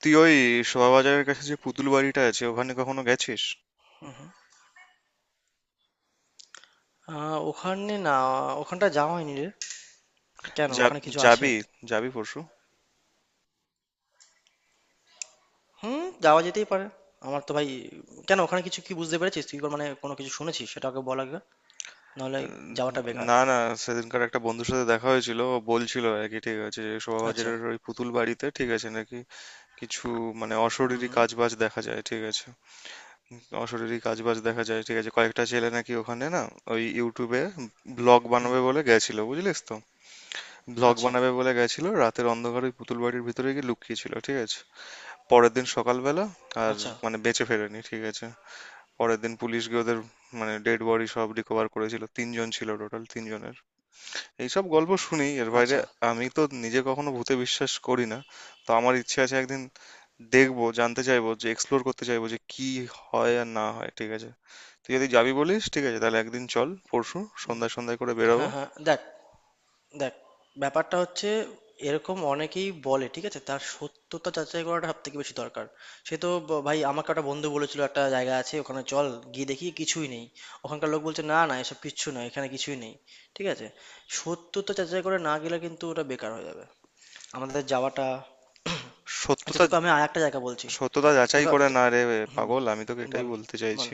তুই ওই শোভাবাজারের কাছে যে পুতুল বাড়িটা আছে ওখানে কখনো গেছিস? আহ ওখানে না। ওখানটা যাওয়া হয়নি রে। কেন, যা, ওখানে কিছু আছে? যাবি যাবি পরশু? হুম, যাওয়া যেতেই পারে। আমার তো ভাই, কেন ওখানে কিছু কি বুঝতে পেরেছিস তুই, মানে কোনো কিছু শুনেছিস সেটা আগে বল আগে, নাহলে উম, যাওয়াটা বেকার। না, না, সেদিনকার একটা বন্ধুর সাথে দেখা হয়েছিল, ও বলছিল আর কি, ঠিক আছে, যে আচ্ছা। শোভাবাজারের ওই পুতুল বাড়িতে ঠিক আছে নাকি কিছু, মানে হুম অশরীরী হুম কাজবাজ দেখা যায়, ঠিক আছে। অশরীরী কাজবাজ দেখা যায়, ঠিক আছে, কয়েকটা ছেলে নাকি ওখানে, না, ওই ইউটিউবে ব্লগ হুম। বানাবে বলে গেছিল, বুঝলিস তো, ব্লগ আচ্ছা বানাবে বলে গেছিল, রাতের অন্ধকারে ওই পুতুল বাড়ির ভিতরে গিয়ে লুকিয়েছিল, ঠিক আছে। পরের দিন সকালবেলা আর আচ্ছা মানে বেঁচে ফেরেনি, ঠিক আছে। পরের দিন পুলিশ গিয়ে ওদের মানে ডেড বডি সব রিকভার করেছিল, তিনজন ছিল টোটাল, তিনজনের এইসব গল্প শুনি এর বাইরে। আচ্ছা। আমি তো নিজে কখনো ভূতে বিশ্বাস করি না, তো আমার ইচ্ছে আছে একদিন দেখবো, জানতে চাইবো, যে এক্সপ্লোর করতে চাইবো যে কি হয় আর না হয়, ঠিক আছে। তুই যদি যাবি বলিস ঠিক আছে, তাহলে একদিন চল, পরশু সন্ধ্যায় সন্ধ্যায় করে বেরোবো। হ্যাঁ হ্যাঁ, দেখ দেখ, ব্যাপারটা হচ্ছে এরকম অনেকেই বলে, ঠিক আছে, তার সত্যতা যাচাই করাটা সব থেকে বেশি দরকার। সে তো ভাই আমাকে একটা বন্ধু বলেছিল একটা জায়গা আছে, ওখানে চল। গিয়ে দেখি কিছুই নেই। ওখানকার লোক বলছে, না না এসব কিচ্ছু নয়, এখানে কিছুই নেই, ঠিক আছে। সত্যতা যাচাই করে না গেলে কিন্তু ওটা বেকার হয়ে যাবে, আমাদের যাওয়াটা। আচ্ছা, সত্যতা তোকে আমি আর একটা জায়গা বলছি। সত্যতা যাচাই তোকে করে তো- না রে হুম, পাগল, আমি তোকে এটাই বল বলতে বল। চাইছি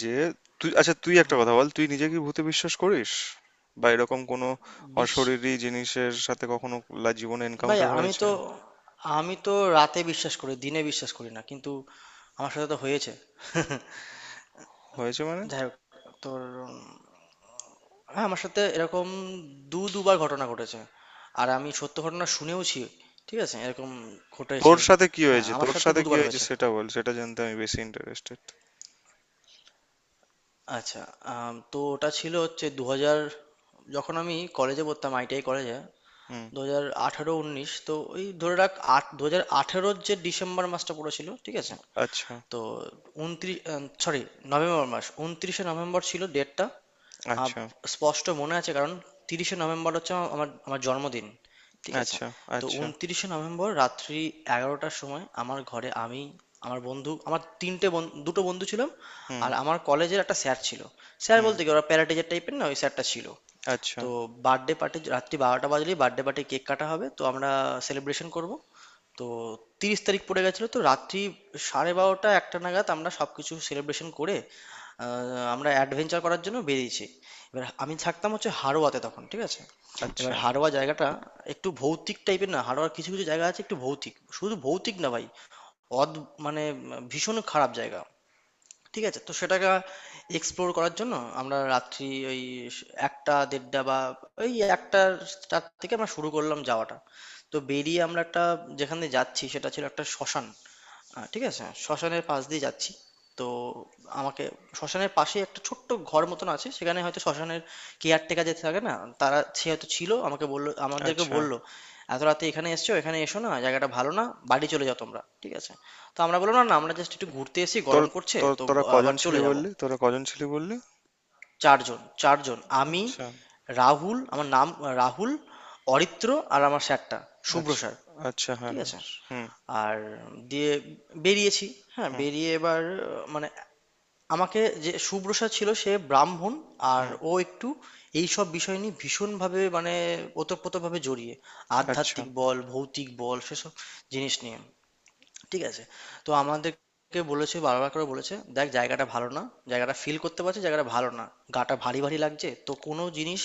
যে তুই, আচ্ছা তুই একটা কথা বল, তুই নিজে কি ভূতে বিশ্বাস করিস? বা এরকম কোনো বিশ্ব অশরীরী জিনিসের সাথে কখনো জীবনে ভাই, এনকাউন্টার আমি হয়েছে? তো আমি তো রাতে বিশ্বাস করি, দিনে বিশ্বাস করি না, কিন্তু আমার সাথে তো হয়েছে। হয়েছে মানে? যাই হোক, তোর উম, হ্যাঁ আমার সাথে এরকম দুবার ঘটনা ঘটেছে, আর আমি সত্য ঘটনা শুনেওছি, ঠিক আছে, এরকম তোর ঘটেছে। সাথে কি হ্যাঁ হয়েছে, আমার তোর সাথে সাথে কি দুবার হয়েছে হয়েছে। সেটা বল, সেটা জানতে আমি বেশি ইন্টারেস্টেড। আচ্ছা, তো ওটা ছিল হচ্ছে ২০০০, যখন আমি কলেজে পড়তাম, ITI কলেজে। হুম। দু হাজার আঠারো উনিশ, তো ওই ধরে রাখ, আট দু হাজার আঠারোর যে ডিসেম্বর মাসটা পড়েছিল, ঠিক আছে। আচ্ছা। তো উনত্রিশ, সরি, নভেম্বর মাস, উনত্রিশে নভেম্বর ছিল ডেটটা। আচ্ছা। স্পষ্ট মনে আছে, কারণ ৩০শে নভেম্বর হচ্ছে আমার আমার- আমার জন্মদিন, ঠিক আছে। আচ্ছা। তো আচ্ছা। উনত্রিশে নভেম্বর রাত্রি ১১টার সময় আমার ঘরে আমি, আমার বন্ধু, আমার তিনটে দুটো বন্ধু ছিলাম, হুম। আর আমার কলেজের একটা স্যার ছিল। স্যার হুম। বলতে কি, ওরা প্যারাটিচার টাইপের না, ওই স্যারটা ছিল। আচ্ছা। তো বার্থডে পার্টি, রাত্রি ১২টা বাজলেই বার্থডে পার্টি, কেক কাটা হবে, তো আমরা সেলিব্রেশন করব। তো তিরিশ তারিখ পড়ে গেছিলো, তো রাত্রি ১২:৩০ একটা নাগাদ আমরা সব কিছু সেলিব্রেশন করে, আহ, আমরা অ্যাডভেঞ্চার করার জন্য বেরিয়েছি। এবার আমি থাকতাম হচ্ছে হাড়োয়াতে তখন, ঠিক আছে। এবার আচ্ছা। হাড়োয়া জায়গাটা একটু ভৌতিক টাইপের না, হাড়োয়ার কিছু কিছু জায়গা আছে একটু ভৌতিক, শুধু ভৌতিক না ভাই, অদ মানে ভীষণ খারাপ জায়গা, ঠিক আছে। তো সেটাকে এক্সপ্লোর করার জন্য আমরা রাত্রি ওই একটা, দেড়টা, বা ওই একটার, তার থেকে আমরা শুরু করলাম যাওয়াটা। তো বেরিয়ে আমরা একটা, যেখানে যাচ্ছি সেটা ছিল একটা শ্মশান। আ, ঠিক আছে। হ্যাঁ, শ্মশানের পাশ দিয়ে যাচ্ছি। তো আমাকে, শ্মশানের পাশেই একটা ছোট্ট ঘর মতন আছে। সেখানে হয়তো শ্মশানের কেয়ারটেকার যে থাকে না? তারা, সে হয়তো ছিল। আমাকে বলল, আমাদেরকে আচ্ছা। বলল, "এত রাতে এখানে এসেছো? এখানে এসো না। জায়গাটা ভালো না। বাড়ি চলে যাও তোমরা।" ঠিক আছে? তো আমরা বললাম, "না না, আমরা জাস্ট একটু ঘুরতে এসেছি। তোর গরম করছে। তোর তো তোরা আ আবার কজন ছিলি চলে যাব।" বললি? ৪ জন, ৪ জন। আমি, আচ্ছা। রাহুল, আমার নাম রাহুল, অরিত্র, আর আমার স্যারটা, শুভ্র আচ্ছা। স্যার। আচ্ছা, হ্যাঁ, ঠিক হ্যাঁ। আছে? হুম। আর, দিয়ে বেরিয়েছি। হ্যাঁ হুম। বেরিয়ে এবার মানে আমাকে, যে শুভ্রসা ছিল, সে ব্রাহ্মণ, আর হুম। ও একটু এই সব বিষয় নিয়ে ভীষণভাবে মানে ওতপ্রোতভাবে জড়িয়ে, আচ্ছা। আধ্যাত্মিক বল ভৌতিক বল সেসব জিনিস নিয়ে, ঠিক আছে। তো আমাদেরকে বলেছে, বারবার করে বলেছে, দেখ জায়গাটা ভালো না, জায়গাটা ফিল করতে পারছে জায়গাটা ভালো না, গাটা ভারী ভারী লাগছে, তো কোনো জিনিস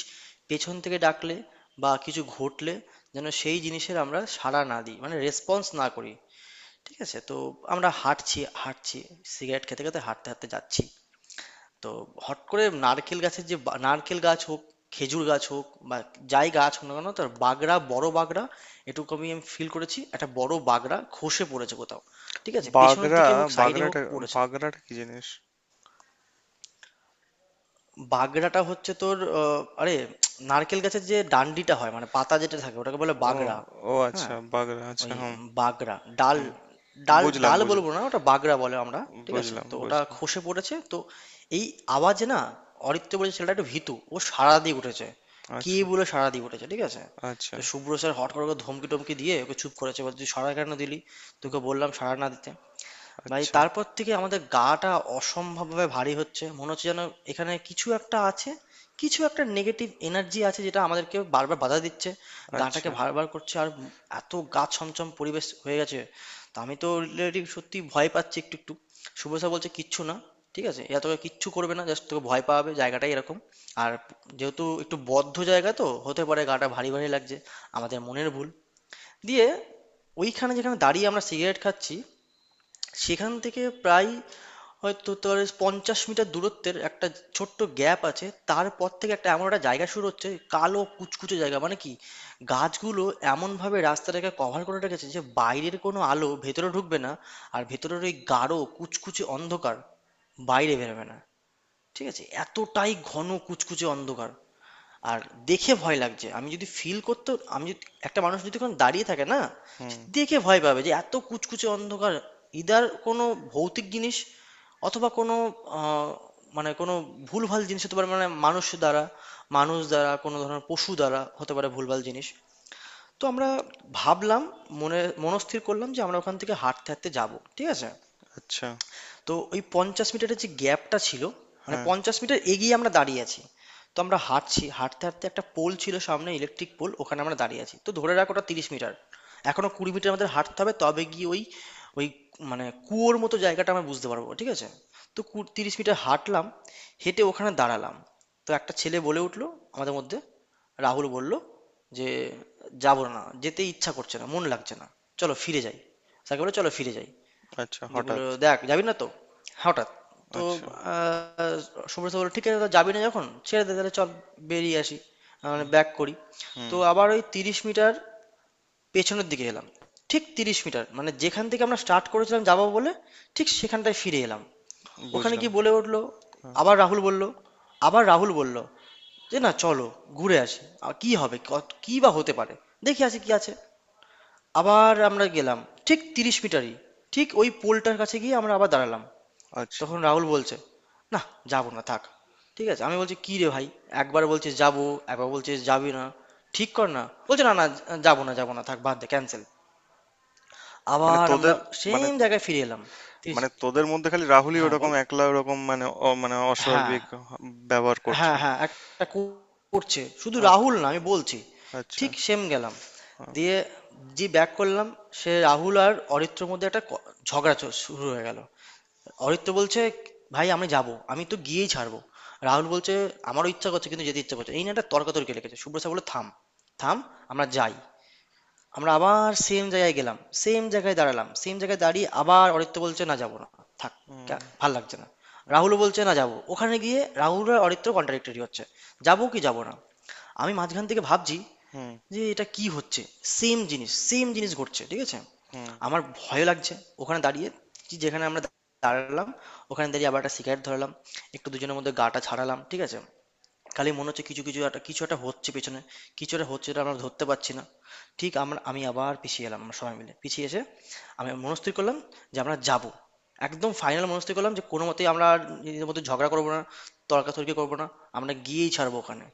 পেছন থেকে ডাকলে বা কিছু ঘটলে যেন সেই জিনিসের আমরা সাড়া না দিই, মানে রেসপন্স না করি, ঠিক আছে? তো আমরা হাঁটছি, হাঁটছি। সিগারেট খেতে, খেতে হাঁটতে, হাঁটতে যাচ্ছি। তো হট করে নারকেল গাছের যে, বা নারকেল গাছ হোক, খেজুর গাছ হোক, বা যাই গাছ হোক না কেন, তার বাগড়া, বড় বাগড়া, এটুকু আমি আমি ফিল করেছি। একটা বড় বাগড়া খসে পড়েছে কোথাও। ঠিক আছে? পেছনের বাগরা, দিকে হোক, সাইডে হোক, বাগরাটা পড়েছে। বাগরাটা কি জিনিস? বাগড়াটা হচ্ছে তোর আরে, নারকেল গাছের যে ডান্ডিটা হয়, মানে পাতা যেটা থাকে, ওটাকে বলে ও, বাগড়া। ও হ্যাঁ? আচ্ছা, বাগরা, আচ্ছা। ওই হুম। বাগড়া ডাল, হুম। ডাল বুঝলাম ডাল বুঝলাম বলবো না, ওটা বাগড়া বলে আমরা, ঠিক আছে। বুঝলাম তো ওটা বুঝলাম খসে পড়েছে, তো এই আওয়াজে না অরিত্য বলে ছেলেটা একটু ভীতু, ও সাড়া দিয়ে উঠেছে, কে আচ্ছা। বলে সাড়া দিয়ে উঠেছে, ঠিক আছে। আচ্ছা। তো শুভ্র স্যার হট করে ওকে ধমকি টমকি দিয়ে ওকে চুপ করেছে, বলছে তুই সাড়া কেন দিলি, হুম। তোকে বললাম সাড়া না দিতে। ভাই, আচ্ছা। তারপর থেকে আমাদের গাটা অসম্ভবভাবে ভারী হচ্ছে, মনে হচ্ছে যেন এখানে কিছু একটা আছে, কিছু একটা নেগেটিভ এনার্জি আছে যেটা আমাদেরকে বারবার বাধা দিচ্ছে, গাটাকে আচ্ছা। ভারবার করছে। আর এত গা ছমছম পরিবেশ হয়ে গেছে, তা আমি তো রিলেটিভ সত্যি ভয় পাচ্ছি একটু একটু। শুভসা বলছে, কিচ্ছু না, ঠিক আছে, এরা তোকে কিচ্ছু করবে না, জাস্ট তোকে ভয় পাবে, জায়গাটাই এরকম, আর যেহেতু একটু বদ্ধ জায়গা, তো হতে পারে গাটা ভারী ভারী লাগছে, আমাদের মনের ভুল। দিয়ে ওইখানে যেখানে দাঁড়িয়ে আমরা সিগারেট খাচ্ছি, সেখান থেকে প্রায় হয়তো তোর ৫০ মিটার দূরত্বের একটা ছোট্ট গ্যাপ আছে, তারপর থেকে একটা এমন একটা জায়গা শুরু হচ্ছে, কালো কুচকুচে জায়গা, মানে কি গাছগুলো এমনভাবে রাস্তাটাকে কভার করে রেখেছে যে বাইরের কোনো আলো ভেতরে ঢুকবে না আর ভেতরের ওই গাঢ় কুচকুচে অন্ধকার বাইরে বেরোবে না, ঠিক আছে, এতটাই ঘন কুচকুচে অন্ধকার। আর দেখে ভয় লাগছে, আমি যদি ফিল করতে, একটা মানুষ যদি কোনো দাঁড়িয়ে থাকে না, সে হুম। দেখে ভয় পাবে যে এত কুচকুচে অন্ধকার, ইদার কোনো ভৌতিক জিনিস, অথবা কোনো আহ, মানে কোনো ভুলভাল জিনিস হতে পারে, মানে মানুষ দ্বারা, মানুষ দ্বারা, কোনো ধরনের পশু দ্বারা হতে পারে ভুলভাল জিনিস। তো আমরা ভাবলাম, মনে মনস্থির করলাম যে আমরা ওখান থেকে হাঁটতে হাঁটতে যাব, ঠিক আছে। আচ্ছা। তো ওই ৫০ মিটারের যে গ্যাপটা ছিল, মানে হ্যাঁ। ৫০ মিটার এগিয়ে আমরা দাঁড়িয়ে আছি। তো আমরা হাঁটছি, হাঁটতে হাঁটতে একটা পোল ছিল সামনে, ইলেকট্রিক পোল, ওখানে আমরা দাঁড়িয়ে আছি, তো ধরে রাখ ওটা ৩০ মিটার। এখনো ২০ মিটার আমাদের হাঁটতে হবে, তবে গিয়ে ওই, ওই মানে কুয়োর মতো জায়গাটা আমরা বুঝতে পারবো, ঠিক আছে। তো ৩০ মিটার হাঁটলাম, হেঁটে ওখানে দাঁড়ালাম। তো একটা ছেলে বলে উঠলো আমাদের মধ্যে, রাহুল বলল যে যাবো না, যেতে ইচ্ছা করছে না, মন লাগছে না, চলো ফিরে যাই, স্যারকে বলে চলো ফিরে যাই। আচ্ছা, দি বললো, হঠাৎ? দেখ যাবি না তো, হঠাৎ, তো আচ্ছা। আহ, সুব্রত বললো, ঠিক আছে, তো যাবি না যখন, ছেড়ে দে, তাহলে চল বেরিয়ে আসি, মানে ব্যাক করি। হুম। তো আবার ওই ৩০ মিটার পেছনের দিকে এলাম, ঠিক ৩০ মিটার, মানে যেখান থেকে আমরা স্টার্ট করেছিলাম যাবো বলে ঠিক সেখানটায় ফিরে এলাম। ওখানে বুঝলাম। গিয়ে বলে উঠলো, হ্যাঁ। আবার রাহুল বলল আবার রাহুল বলল যে না, চলো ঘুরে আসি আর, কি হবে, কি বা হতে পারে, দেখি আছে কি আছে। আবার আমরা গেলাম, ঠিক তিরিশ মিটারই, ঠিক ওই পোলটার কাছে গিয়ে আমরা আবার দাঁড়ালাম। আচ্ছা, তখন রাহুল বলছে, না যাবো না, থাক। ঠিক আছে, আমি বলছি কি রে ভাই, একবার বলছিস যাবো, একবার বলছিস যাবি না, ঠিক কর না। বলছে, না না, যাবো না যাবো না, থাক, বাদ দে, ক্যান্সেল। মানে আবার আমরা তোদের, মানে সেম জায়গায় ফিরে এলাম। মানে তিরিশ- তোদের মধ্যে খালি রাহুলই হ্যাঁ বল, ওরকম একলা, ওরকম মানে অ মানে হ্যাঁ অস্বাভাবিক ব্যবহার করছে? হ্যাঁ হ্যাঁ, একটা করছে, শুধু রাহুল আচ্ছা। না, আমি বলছি। আচ্ছা। ঠিক সেম গেলাম, দিয়ে যে ব্যাক করলাম, সে রাহুল আর অরিত্রর মধ্যে একটা ঝগড়া শুরু হয়ে গেল। অরিত্র বলছে, ভাই আমি যাব, আমি তো গিয়েই ছাড়বো। রাহুল বলছে, আমারও ইচ্ছা করছে, কিন্তু যেতে ইচ্ছা করছে, এই নিয়ে একটা তর্কাতর্কি লেগেছে। শুভ্রসা বললো, থাম থাম, আমরা যাই। আমরা আবার সেম জায়গায় গেলাম, সেম জায়গায় দাঁড়ালাম, সেম জায়গায় দাঁড়িয়ে আবার অরিত্র বলছে, না যাবো না, থাক, হুম। ভাল লাগছে না। হুম। রাহুলও বলছে, না যাবো, ওখানে গিয়ে রাহুল আর অরিত্র কন্ট্রাডিক্টরি হচ্ছে, যাবো কি যাবো না। আমি মাঝখান থেকে ভাবছি হুম। যে এটা কি হচ্ছে, সেম জিনিস সেম জিনিস ঘটছে, ঠিক আছে। হুম। আমার ভয় লাগছে ওখানে দাঁড়িয়ে, যেখানে আমরা দাঁড়ালাম ওখানে দাঁড়িয়ে আবার একটা সিগারেট ধরালাম, একটু দুজনের মধ্যে গাটা ছাড়ালাম, ঠিক আছে। খালি মনে হচ্ছে কিছু, কিছু একটা, কিছু একটা হচ্ছে পেছনে, কিছু একটা হচ্ছে এটা আমরা ধরতে পারছি না। ঠিক আমরা, আমি আবার পিছিয়ে এলাম, আমরা সবাই মিলে পিছিয়ে এসে আমি মনস্থির করলাম যে আমরা যাব, একদম ফাইনাল মনস্থির করলাম যে কোনো মতেই আমরা আর নিজেদের মধ্যে ঝগড়া করবো না, তর্কাতর্কি করবো না, আমরা গিয়েই ছাড়বো ওখানে।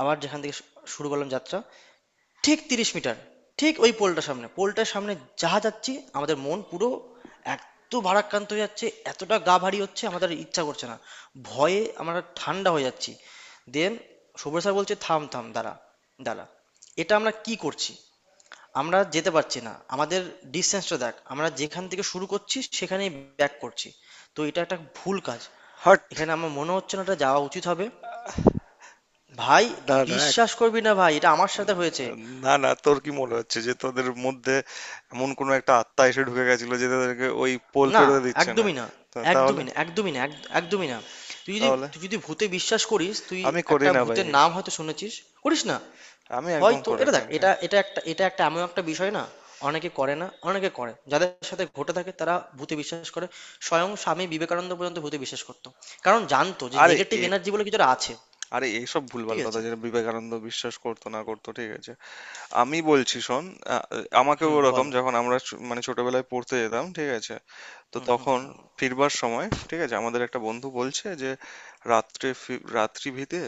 আবার যেখান থেকে শুরু করলাম যাত্রা, ঠিক ৩০ মিটার, ঠিক ওই পোলটার সামনে, পোলটার সামনে যা যাচ্ছি আমাদের মন পুরো এত ভারাক্রান্ত হয়ে যাচ্ছে, এতটা গা ভারী হচ্ছে, আমাদের ইচ্ছা করছে না, ভয়ে আমরা ঠান্ডা হয়ে যাচ্ছি। দেন সব্য স্যার বলছে, থাম থাম, দাঁড়া দাঁড়া, এটা আমরা কি করছি, আমরা যেতে পারছি না, আমাদের ডিসটেন্সটা দেখ, আমরা যেখান থেকে শুরু করছি সেখানেই ব্যাক করছি, তো এটা একটা ভুল কাজ, হট। এখানে আমার মনে হচ্ছে না এটা যাওয়া উচিত হবে। ভাই, দাঁড়া, বিশ্বাস করবি না ভাই, এটা আমার সাথে হয়েছে। না না, তোর কি মনে হচ্ছে যে তোদের মধ্যে এমন কোনো একটা আত্মা এসে ঢুকে গেছিল যে তাদেরকে ওই পোল না, পেরোতে দিচ্ছে না? একদমই না, তো তাহলে? একদমই না, একদমই না, একদমই না। তুই যদি তাহলে তুই যদি ভূতে বিশ্বাস করিস তুই, আমি করি একটা না ভাই, ভূতের নাম হয়তো শুনেছিস, করিস না, আমি একদম হয়তো করি এটা, না দেখ এটা। এটা এটা একটা এটা একটা এমন একটা বিষয় না, অনেকে করে না, অনেকে করে, যাদের সাথে ঘটে থাকে তারা ভূতে বিশ্বাস করে। স্বয়ং স্বামী বিবেকানন্দ পর্যন্ত ভূতে বিশ্বাস করতো, কারণ জানতো যে আরে নেগেটিভ এ এনার্জি বলে কিছুটা আছে। আরে এইসব ভুলভাল ঠিক কথা, আছে, যেটা বিবেকানন্দ বিশ্বাস করতো না করতো ঠিক আছে, আমি বলছি শোন। আ- আমাকেও হুম বল। ওরকম, যখন আমরা মানে ছোটবেলায় পড়তে যেতাম, ঠিক আছে, তো তখন ফিরবার সময়, ঠিক আছে, আমাদের একটা বন্ধু বলছে যে রাত্রি ভিতে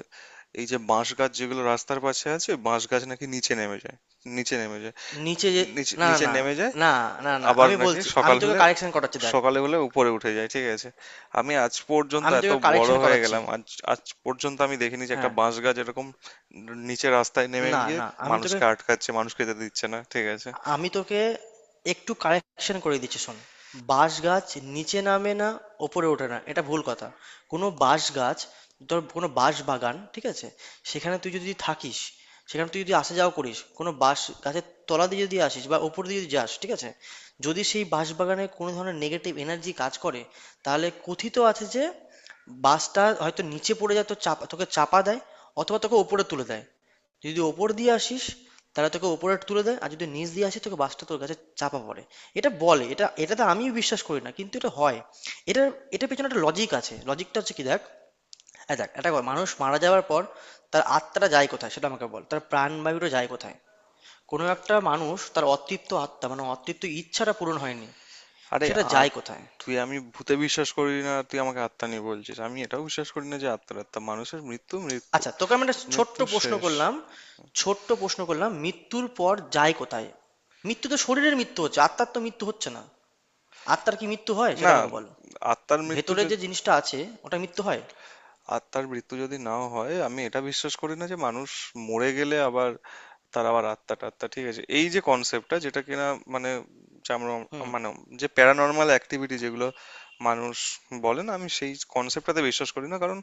এই যে বাঁশ গাছ যেগুলো রাস্তার পাশে আছে, বাঁশ গাছ নাকি নিচে নেমে যায়, নিচে নেমে যায় নিচে যে, নিচে না নিচে না, নেমে যায়, না না, না না, আবার আমি নাকি বলছি, আমি সকাল তোকে হলে, কারেকশন করাচ্ছি, দেখ সকালে হলে উপরে উঠে যায়, ঠিক আছে। আমি আজ পর্যন্ত আমি এত তোকে বড় কারেকশন হয়ে করাচ্ছি। গেলাম, আজ আজ পর্যন্ত আমি দেখিনি যে একটা হ্যাঁ, বাঁশ গাছ এরকম নিচে রাস্তায় নেমে না গিয়ে না, আমি তোকে মানুষকে আটকাচ্ছে, মানুষ খেতে দিচ্ছে না, ঠিক আছে। আমি তোকে একটু কারেকশন করে দিচ্ছি, শোন। বাঁশ গাছ নিচে নামে না, ওপরে ওঠে না, এটা ভুল কথা। কোনো বাঁশ গাছ, ধর কোনো বাঁশ বাগান, ঠিক আছে, সেখানে তুই যদি থাকিস, সেখানে তুই যদি আসা যাওয়া করিস, কোনো বাঁশ গাছের তলা দিয়ে যদি আসিস বা ওপর দিয়ে যদি যাস, ঠিক আছে, যদি সেই বাঁশ বাগানে কোনো ধরনের নেগেটিভ এনার্জি কাজ করে, তাহলে কথিত আছে যে বাসটা হয়তো নিচে পড়ে যায়, তো চাপা, তোকে চাপা দেয়, অথবা তোকে উপরে তুলে দেয়। যদি ওপর দিয়ে আসিস, তাহলে তোকে ওপরে তুলে দেয়, আর যদি নিচ দিয়ে আসিস, তোকে বাসটা তোর কাছে চাপা পড়ে। এটা বলে, এটা, এটাতে আমিও বিশ্বাস করি না, কিন্তু এটা হয়। এটা এটা পেছনে একটা লজিক আছে, লজিকটা হচ্ছে কি দেখ, এই দেখ, এটা কর, মানুষ মারা যাওয়ার পর তার আত্মাটা যায় কোথায় সেটা আমাকে বল, তার প্রাণবায়ুটা যায় কোথায়, কোনো একটা মানুষ, তার অতৃপ্ত আত্মা মানে অতৃপ্ত ইচ্ছাটা পূরণ হয়নি, আরে সেটা আ- যায় কোথায়? তুই, আমি ভূতে বিশ্বাস করি না, তুই আমাকে আত্মা নিয়ে বলছিস, আমি এটাও বিশ্বাস করি না যে আত্মার, আত্মা, মানুষের মৃত্যু, মৃত্যু আচ্ছা, তোকে আমি একটা ছোট্ট মৃত্যু প্রশ্ন শেষ। করলাম, ছোট্ট প্রশ্ন করলাম, মৃত্যুর পর যায় কোথায়? মৃত্যু তো শরীরের মৃত্যু হচ্ছে, আত্মার তো মৃত্যু হচ্ছে না, আত্মার কি মৃত্যু হয় সেটা না, আমাকে বলো। আত্মার মৃত্যু ভেতরে যে যদি, জিনিসটা আছে ওটা মৃত্যু হয়। আত্মার মৃত্যু যদি নাও হয়, আমি এটা বিশ্বাস করি না যে মানুষ মরে গেলে আবার, তার আবার আত্মা টাত্মা, ঠিক আছে, এই যে কনসেপ্টটা যেটা কিনা মানে যে আমরা হুম। মানে যে প্যারানর্মাল অ্যাক্টিভিটি যেগুলো মানুষ বলে না, আমি সেই কনসেপ্টটাতে বিশ্বাস করি না, কারণ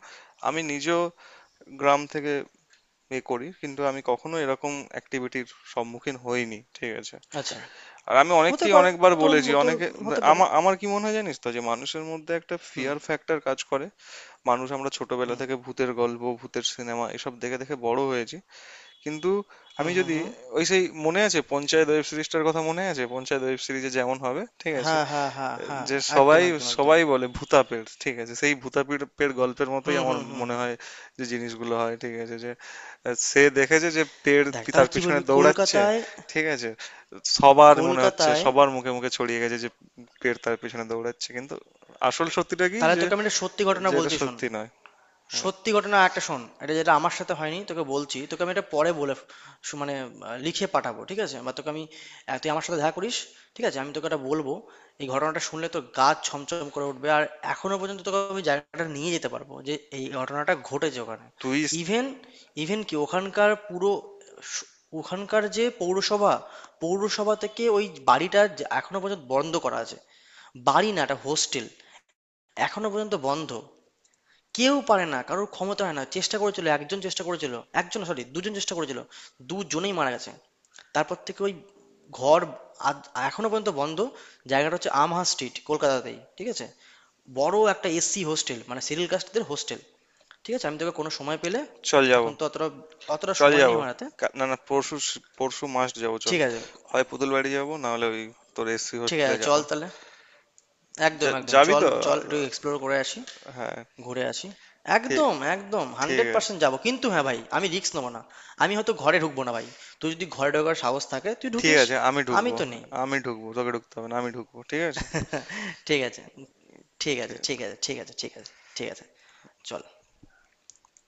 আমি নিজেও গ্রাম থেকে এ করি, কিন্তু আমি কখনো এরকম অ্যাক্টিভিটির সম্মুখীন হইনি, ঠিক আছে। আচ্ছা, আর আমি হতে অনেককেই পারে, অনেকবার বলেছি, তোর অনেকে, হতে পারে। আমার, আমার কি মনে হয় জানিস তো, যে মানুষের মধ্যে একটা হুম ফিয়ার ফ্যাক্টর কাজ করে, মানুষ, আমরা ছোটবেলা হুম থেকে ভূতের গল্প, ভূতের সিনেমা এসব দেখে দেখে বড় হয়েছি, কিন্তু হুম আমি হুম যদি, হুম। ওই সেই মনে আছে পঞ্চায়েত ওয়েব সিরিজটার কথা মনে আছে, পঞ্চায়েত ওয়েব সিরিজে যেমন হবে, ঠিক আছে, হ্যাঁ হ্যাঁ হ্যাঁ হ্যাঁ। যে একদম সবাই, একদম একদম। সবাই বলে ভূতাপেড়, ঠিক আছে, সেই ভূতাপেড় পেড় গল্পের হুম মতোই আমার হুম হুম মনে হুম। হয় যে জিনিসগুলো হয়, ঠিক আছে, যে সে দেখেছে যে দেখ তাহলে তার কি পিছনে বলবি, দৌড়াচ্ছে, কলকাতায়, ঠিক আছে, সবার মনে হচ্ছে, কলকাতায়, সবার মুখে মুখে ছড়িয়ে গেছে যে পেড় তার পিছনে দৌড়াচ্ছে, কিন্তু আসল সত্যিটা কি, তাহলে যে তোকে আমি একটা সত্যি ঘটনা যে এটা বলছি, শোন। সত্যি নয়। হ্যাঁ। সত্যি ঘটনা একটা শোন, এটা যেটা আমার সাথে হয়নি, তোকে বলছি, তোকে আমি এটা পরে বলে, মানে লিখে পাঠাবো, ঠিক আছে, বা তোকে আমি, তুই আমার সাথে দেখা করিস, ঠিক আছে, আমি তোকে এটা বলবো। এই ঘটনাটা শুনলে তোর গা ছমছম করে উঠবে, আর এখনো পর্যন্ত তোকে আমি জায়গাটা নিয়ে যেতে পারবো যে এই ঘটনাটা ঘটেছে ওখানে। তুই স- ইভেন, ইভেন কি ওখানকার পুরো স- ওখানকার যে পৌরসভা, পৌরসভা থেকে ওই বাড়িটা যে এখনো পর্যন্ত বন্ধ করা আছে, বাড়ি না এটা হোস্টেল, এখনো পর্যন্ত বন্ধ। কেউ পারে না, কারোর ক্ষমতা হয় না, চেষ্টা করেছিল, একজন চেষ্টা করেছিল, একজন সরি দুজন চেষ্টা করেছিল, দুজনেই মারা গেছে। তারপর থেকে ওই ঘর এখনো পর্যন্ত বন্ধ। জায়গাটা হচ্ছে আমহা স্ট্রিট, কলকাতাতেই, ঠিক আছে। বড় একটা SC হোস্টেল, মানে সিরিয়াল কাস্টদের হোস্টেল, ঠিক আছে, আমি তোকে কোনো সময় পেলে, চল যাব। এখন তো অতটা, অতটা চল সময় যাব, নেই আমার হাতে। না না পরশু, পরশু মাস্ট যাব, চল। ঠিক আছে হয় পুতুল বাড়ি যাবো, না হলে ওই তোর এসসি ঠিক হোস্টেলে আছে, যাব। চল তাহলে, একদম একদম, যাবি চল তো? চল আ- একটু এক্সপ্লোর করে আসি, হ্যাঁ। ঘুরে আসি। ঠিক, একদম একদম ঠিক হান্ড্রেড আছে। পার্সেন্ট যাবো, কিন্তু হ্যাঁ ভাই, আমি রিস্ক নেবো না। আমি হয়তো ঘরে ঢুকবো না ভাই, তুই যদি ঘরে ঢোকার সাহস থাকে তুই ঠিক ঢুকিস, আছে, আমি আমি ঢুকবো। তো নেই। আমি ঢুকবো। তোকে ঢুকতে হবে না। আমি ঢুকবো। ঠিক আছে? ঠিক আছে ঠিক আছে ঠিক আছে। ঠিক আছে ঠিক আছে ঠিক আছে ঠিক আছে, চল।